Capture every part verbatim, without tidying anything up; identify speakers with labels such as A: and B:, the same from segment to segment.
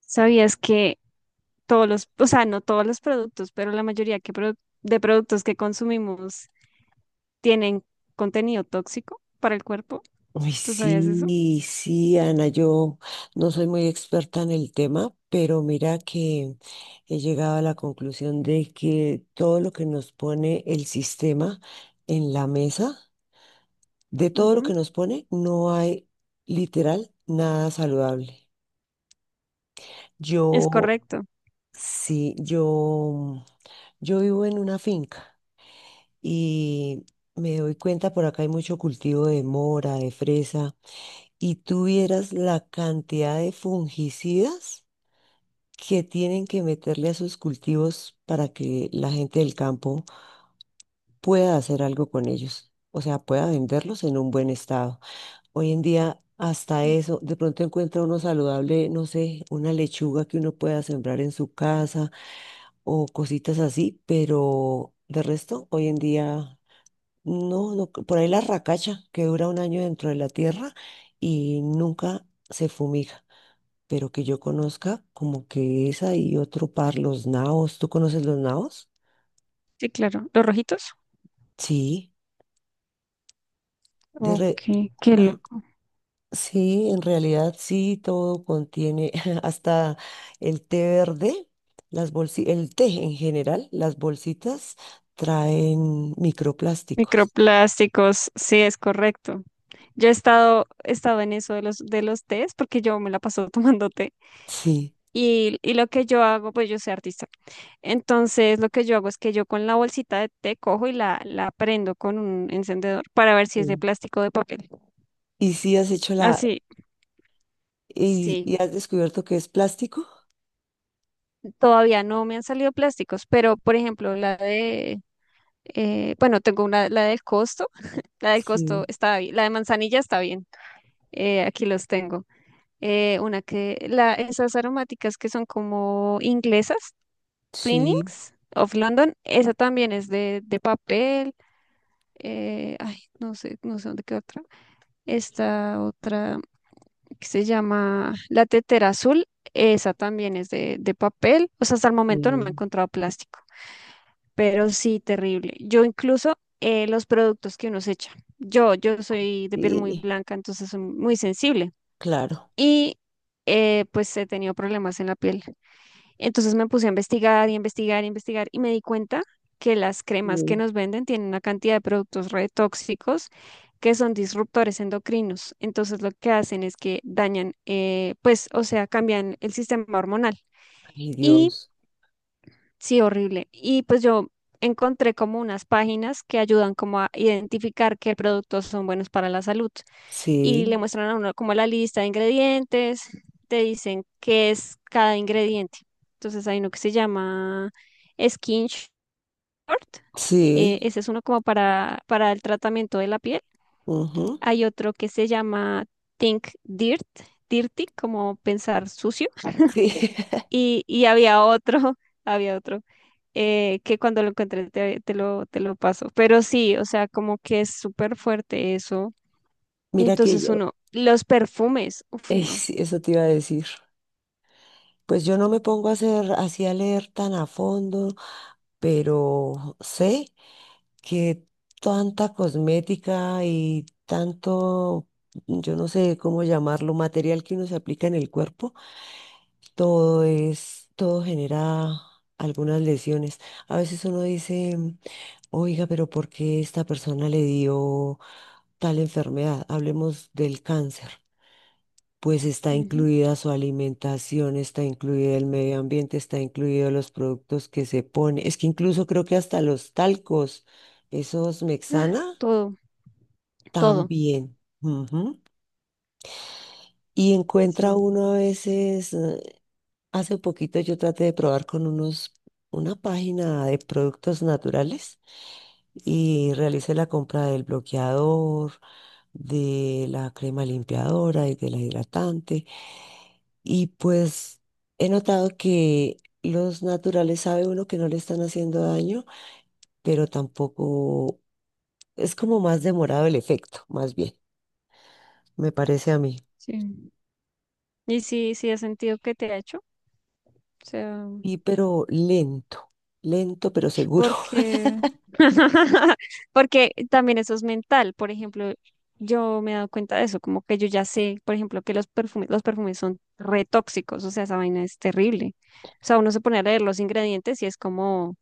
A: ¿Sabías que todos los, o sea, no todos los productos, pero la mayoría que produ- de productos que consumimos tienen contenido tóxico para el cuerpo?
B: Uy,
A: ¿Tú sabías eso?
B: sí, sí, Ana, yo no soy muy experta en el tema, pero mira que he llegado a la conclusión de que todo lo que nos pone el sistema en la mesa, de todo lo que
A: Ujú.
B: nos pone, no hay literal nada saludable.
A: Es
B: Yo,
A: correcto.
B: sí, yo, yo vivo en una finca y me doy cuenta, por acá hay mucho cultivo de mora, de fresa. Y tú vieras la cantidad de fungicidas que tienen que meterle a sus cultivos para que la gente del campo pueda hacer algo con ellos, o sea, pueda venderlos en un buen estado. Hoy en día, hasta eso, de pronto encuentra uno saludable, no sé, una lechuga que uno pueda sembrar en su casa o cositas así, pero de resto, hoy en día, no, no, por ahí la racacha que dura un año dentro de la tierra y nunca se fumiga. Pero que yo conozca como que es ahí otro par, los naos. ¿Tú conoces los naos?
A: Sí, claro. ¿Los rojitos?
B: Sí, de re-
A: Ok, qué
B: Ujú.
A: loco.
B: Sí, en realidad sí, todo contiene hasta el té verde, las bolsi- el té en general, las bolsitas traen microplásticos.
A: Microplásticos, sí, es correcto. Yo he estado, he estado en eso de los, de los tés, porque yo me la paso tomando té.
B: Sí.
A: Y, y lo que yo hago, pues yo soy artista. Entonces, lo que yo hago es que yo con la bolsita de té cojo y la, la prendo con un encendedor para ver si es de
B: Sí.
A: plástico o de papel.
B: ¿Y si has hecho la
A: Así,
B: y,
A: sí.
B: y has descubierto que es plástico?
A: Todavía no me han salido plásticos, pero por ejemplo, la de, eh, bueno, tengo una, la del costo. La del costo
B: Sí.
A: está bien. La de manzanilla está bien. Eh, aquí los tengo eh, una que, la, esas aromáticas que son como inglesas,
B: Sí.
A: Twinings of London, esa también es de, de papel. eh, ay, no sé, no sé dónde queda otra. Esta otra que se llama La Tetera Azul, esa también es de, de papel. O sea, hasta el momento no me he
B: Sí,
A: encontrado plástico, pero sí, terrible. Yo incluso eh, los productos que uno se echa. Yo, yo soy de piel muy
B: sí,
A: blanca, entonces soy muy sensible.
B: claro.
A: Y eh, pues he tenido problemas en la piel. Entonces me puse a investigar y investigar y investigar y me di cuenta que las cremas que
B: Sí.
A: nos venden tienen una cantidad de productos re tóxicos que son disruptores endocrinos. Entonces lo que hacen es que dañan, eh, pues, o sea, cambian el sistema hormonal.
B: Ay,
A: Y
B: Dios.
A: sí, horrible. Y pues yo encontré como unas páginas que ayudan como a identificar qué productos son buenos para la salud y le
B: Sí,
A: muestran a uno como la lista de ingredientes, te dicen qué es cada ingrediente. Entonces hay uno que se llama Skin Short, eh,
B: sí,
A: ese es uno como para, para el tratamiento de la piel.
B: ujú,
A: Hay otro que se llama Think Dirt, Dirty, como pensar sucio.
B: sí.
A: Y, y había otro, había otro, eh, que cuando lo encontré te, te lo, te lo paso. Pero sí, o sea, como que es súper fuerte eso. Y
B: Mira que
A: entonces
B: yo,
A: uno, los perfumes, uff,
B: eh,
A: no.
B: sí, eso te iba a decir. Pues yo no me pongo a hacer, así a leer tan a fondo, pero sé que tanta cosmética y tanto, yo no sé cómo llamarlo, material que uno se aplica en el cuerpo, todo es, todo genera algunas lesiones. A veces uno dice, oiga, pero ¿por qué esta persona le dio tal enfermedad? Hablemos del cáncer, pues está
A: Ujú.
B: incluida su alimentación, está incluida el medio ambiente, está incluido los productos que se pone, es que incluso creo que hasta los talcos, esos Mexana,
A: Todo, todo.
B: también. Ujú. Y encuentra
A: Sí,
B: uno a veces, eh, hace poquito yo traté de probar con unos, una página de productos naturales y realicé la compra del bloqueador, de la crema limpiadora y de la hidratante. Y pues he notado que los naturales sabe uno que no le están haciendo daño, pero tampoco es como más demorado el efecto, más bien, me parece a mí.
A: sí. Y sí, sí, has sentido que te ha hecho. O sea,
B: Y pero lento, lento pero seguro.
A: porque, porque también eso es mental. Por ejemplo, yo me he dado cuenta de eso, como que yo ya sé, por ejemplo, que los perfumes, los perfumes son re tóxicos. O sea, esa vaina es terrible. O sea, uno se pone a leer los ingredientes y es como.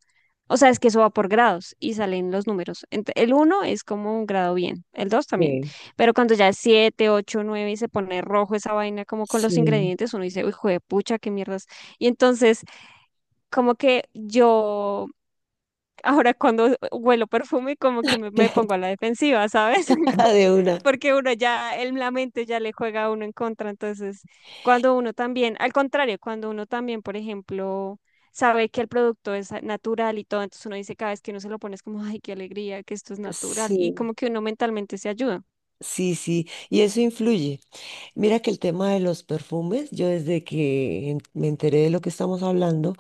A: O sea, es que eso va por grados y salen los números. Ent- El uno es como un grado bien, el dos también.
B: Sí.
A: Pero cuando ya es siete, ocho, nueve y se pone rojo esa vaina como con los
B: Sí.
A: ingredientes, uno dice, uy, pucha, qué mierdas. Y entonces, como que yo, ahora cuando huelo perfume como que me, me pongo a la defensiva, ¿sabes? Como-
B: De una.
A: Porque uno ya, el, la mente ya le juega a uno en contra. Entonces, cuando uno también, al contrario, cuando uno también, por ejemplo, sabe que el producto es natural y todo, entonces uno dice cada vez que uno se lo pone es como, ay, qué alegría que esto es natural.
B: Sí.
A: Y como que uno mentalmente se ayuda.
B: Sí, sí, y eso influye. Mira que el tema de los perfumes, yo desde que en- me enteré de lo que estamos hablando,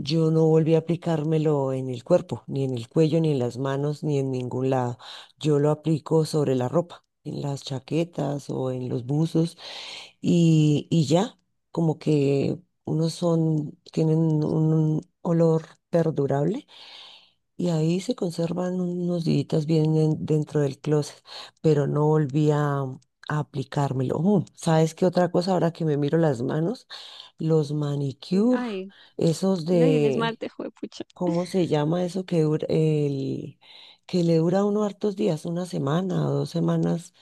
B: yo no volví a aplicármelo en el cuerpo, ni en el cuello, ni en las manos, ni en ningún lado. Yo lo aplico sobre la ropa, en las chaquetas o en los buzos y, y ya, como que unos son, tienen un olor perdurable y ahí se conservan unos días bien en- dentro del closet, pero no volví a, a aplicármelo. Ujú, ¿sabes qué otra cosa? Ahora que me miro las manos, los
A: Sí,
B: manicure,
A: ay,
B: esos
A: no, y el
B: de,
A: esmalte, juepucha.
B: ¿cómo se llama eso que dura el que le dura a uno hartos días, una semana o dos semanas,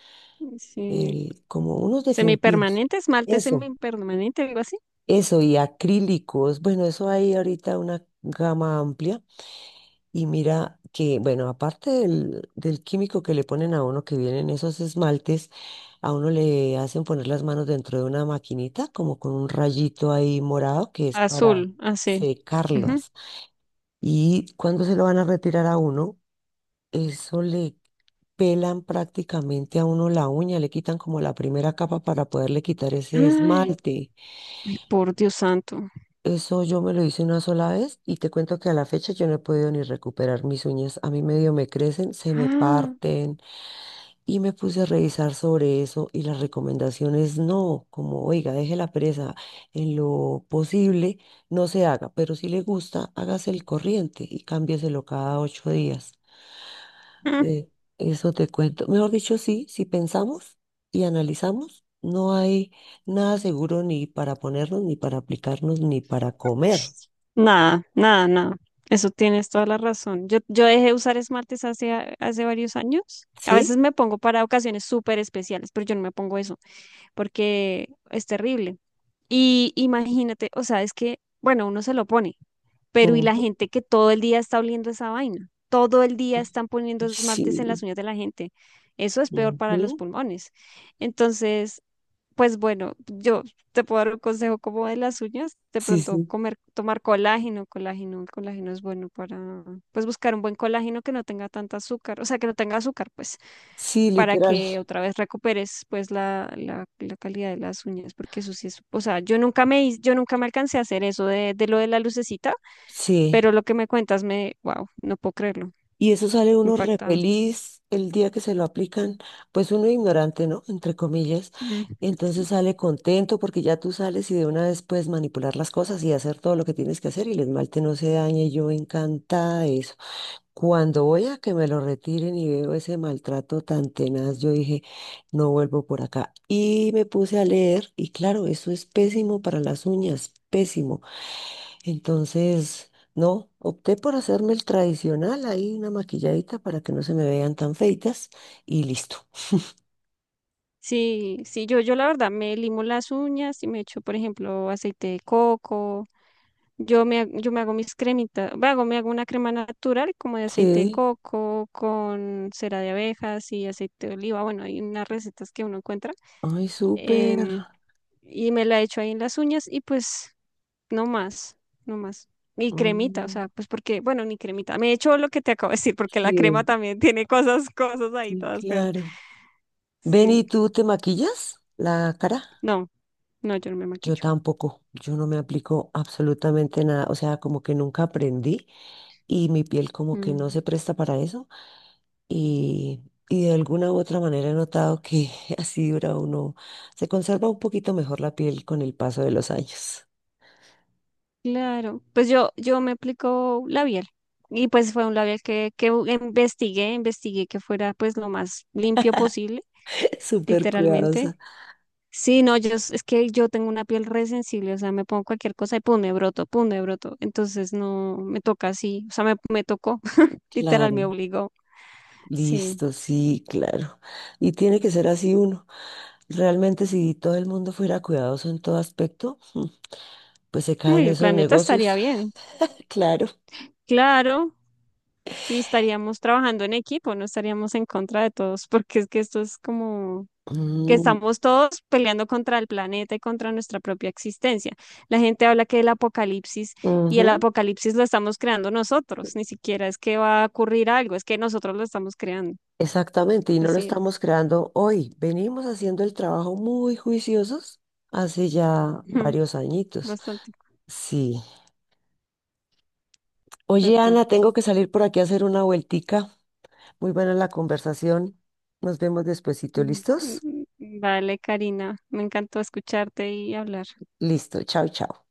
A: Sí.
B: el, como unos definitivos?
A: Semipermanente, esmalte
B: Eso,
A: semipermanente, algo así.
B: eso, y acrílicos. Bueno, eso hay ahorita una gama amplia. Y mira que, bueno, aparte del, del químico que le ponen a uno que vienen esos esmaltes, a uno le hacen poner las manos dentro de una maquinita, como con un rayito ahí morado, que es para
A: Azul, así. Ujú.
B: secarlas. Y cuando se lo van a retirar a uno, eso le pelan prácticamente a uno la uña, le quitan como la primera capa para poderle quitar ese
A: Ay,
B: esmalte.
A: ay, por Dios santo.
B: Eso yo me lo hice una sola vez y te cuento que a la fecha yo no he podido ni recuperar mis uñas. A mí medio me crecen, se me
A: Ah,
B: parten y me puse a revisar sobre eso y las recomendaciones no, como oiga, deje la presa en lo posible, no se haga, pero si le gusta, hágase el corriente y cámbieselo cada ocho días.
A: mm.
B: Eh, eso te cuento. Mejor dicho, sí, si pensamos y analizamos, no hay nada seguro ni para ponernos, ni para aplicarnos, ni para comer.
A: Nada, nada, nada. Eso tienes toda la razón. Yo, yo dejé de usar esmaltes hace, a- hace varios años. A
B: ¿Sí?
A: veces me pongo para ocasiones súper especiales, pero yo no me pongo eso porque es terrible. Y imagínate, o sea, es que, bueno, uno se lo pone. Pero ¿y la
B: Ujú.
A: gente que todo el día está oliendo esa vaina? Todo el día están poniendo esmaltes en las
B: Sí.
A: uñas de la gente. Eso es peor para los
B: Ujú.
A: pulmones. Entonces, pues bueno, yo te puedo dar un consejo como de las uñas, de
B: Sí,
A: pronto
B: sí.
A: comer, tomar colágeno, colágeno, el colágeno es bueno para, pues buscar un buen colágeno que no tenga tanta azúcar, o sea, que no tenga azúcar, pues,
B: Sí,
A: para
B: literal.
A: que otra vez recuperes, pues, la, la, la calidad de las uñas, porque eso sí es, o sea, yo nunca me, hice- yo nunca me alcancé a hacer eso de, de lo de la lucecita,
B: Sí.
A: pero lo que me cuentas me, wow, no puedo creerlo,
B: Y eso sale uno re
A: impactada.
B: feliz el día que se lo aplican, pues uno ignorante, ¿no? Entre comillas.
A: Mm, sí.
B: Entonces sale contento porque ya tú sales y de una vez puedes manipular las cosas y hacer todo lo que tienes que hacer y el esmalte no se daña y yo encantada de eso. Cuando voy a que me lo retiren y veo ese maltrato tan tenaz, yo dije, no vuelvo por acá. Y me puse a leer y claro, eso es pésimo para las uñas, pésimo. Entonces, no, opté por hacerme el tradicional, ahí una maquilladita para que no se me vean tan feitas y listo.
A: Sí, sí, yo, yo la verdad me limo las uñas y me echo, por ejemplo, aceite de coco. Yo me, ha- yo me hago mis cremitas, me hago, me hago una crema natural como de aceite de
B: Sí,
A: coco con cera de abejas y aceite de oliva. Bueno, hay unas recetas que uno encuentra
B: ay, súper.
A: em, y me la echo ahí en las uñas y pues no más, no más. Y cremita, o
B: Mm,
A: sea, pues porque, bueno, ni cremita. Me he hecho lo que te acabo de decir, porque la crema
B: sí,
A: también tiene cosas, cosas ahí,
B: sí,
A: todas feas.
B: claro. Ven,
A: Sí,
B: ¿y tú te maquillas la cara?
A: no, no, yo no me
B: Yo
A: maquillo.
B: tampoco, yo no me aplico absolutamente nada, o sea, como que nunca aprendí y mi piel como que no
A: Mm,
B: se presta para eso. Y, y de alguna u otra manera he notado que así dura uno, se conserva un poquito mejor la piel con el paso de los años.
A: claro, pues yo, yo me aplico labial. Y pues fue un labial que, que investigué, investigué que fuera pues lo más limpio posible,
B: Súper
A: literalmente.
B: cuidadosa.
A: Sí, no, yo, s- es que yo tengo una piel re sensible, o sea, me pongo cualquier cosa y pum, me broto, pum, me broto. Entonces no, me toca así, o sea, me, me tocó, literal,
B: Claro,
A: me obligó. Sí,
B: listo, sí, claro. Y tiene que ser así uno. Realmente si todo el mundo fuera cuidadoso en todo aspecto, mm, pues se caen
A: uy, el
B: esos
A: planeta estaría
B: negocios.
A: bien,
B: Claro.
A: claro, y estaríamos trabajando en equipo, no estaríamos en contra de todos, porque es que esto es como que
B: Mm,
A: estamos todos peleando contra el planeta y contra nuestra propia existencia. La gente habla que el apocalipsis y el
B: ujú,
A: apocalipsis lo estamos creando nosotros, ni siquiera es que va a ocurrir algo, es que nosotros lo estamos creando.
B: exactamente, y no lo
A: Así
B: estamos
A: es.
B: creando hoy. Venimos haciendo el trabajo muy juiciosos hace ya
A: Ujú,
B: varios añitos.
A: bastante
B: Sí. Oye,
A: total.
B: Ana, tengo que salir por aquí a hacer una vueltica. Muy buena la conversación. Nos vemos despuesito.
A: Ujú,
B: ¿Listos?
A: ujú, ujú. Vale, Karina, me encantó escucharte y hablar.
B: Listo. Chao, chao.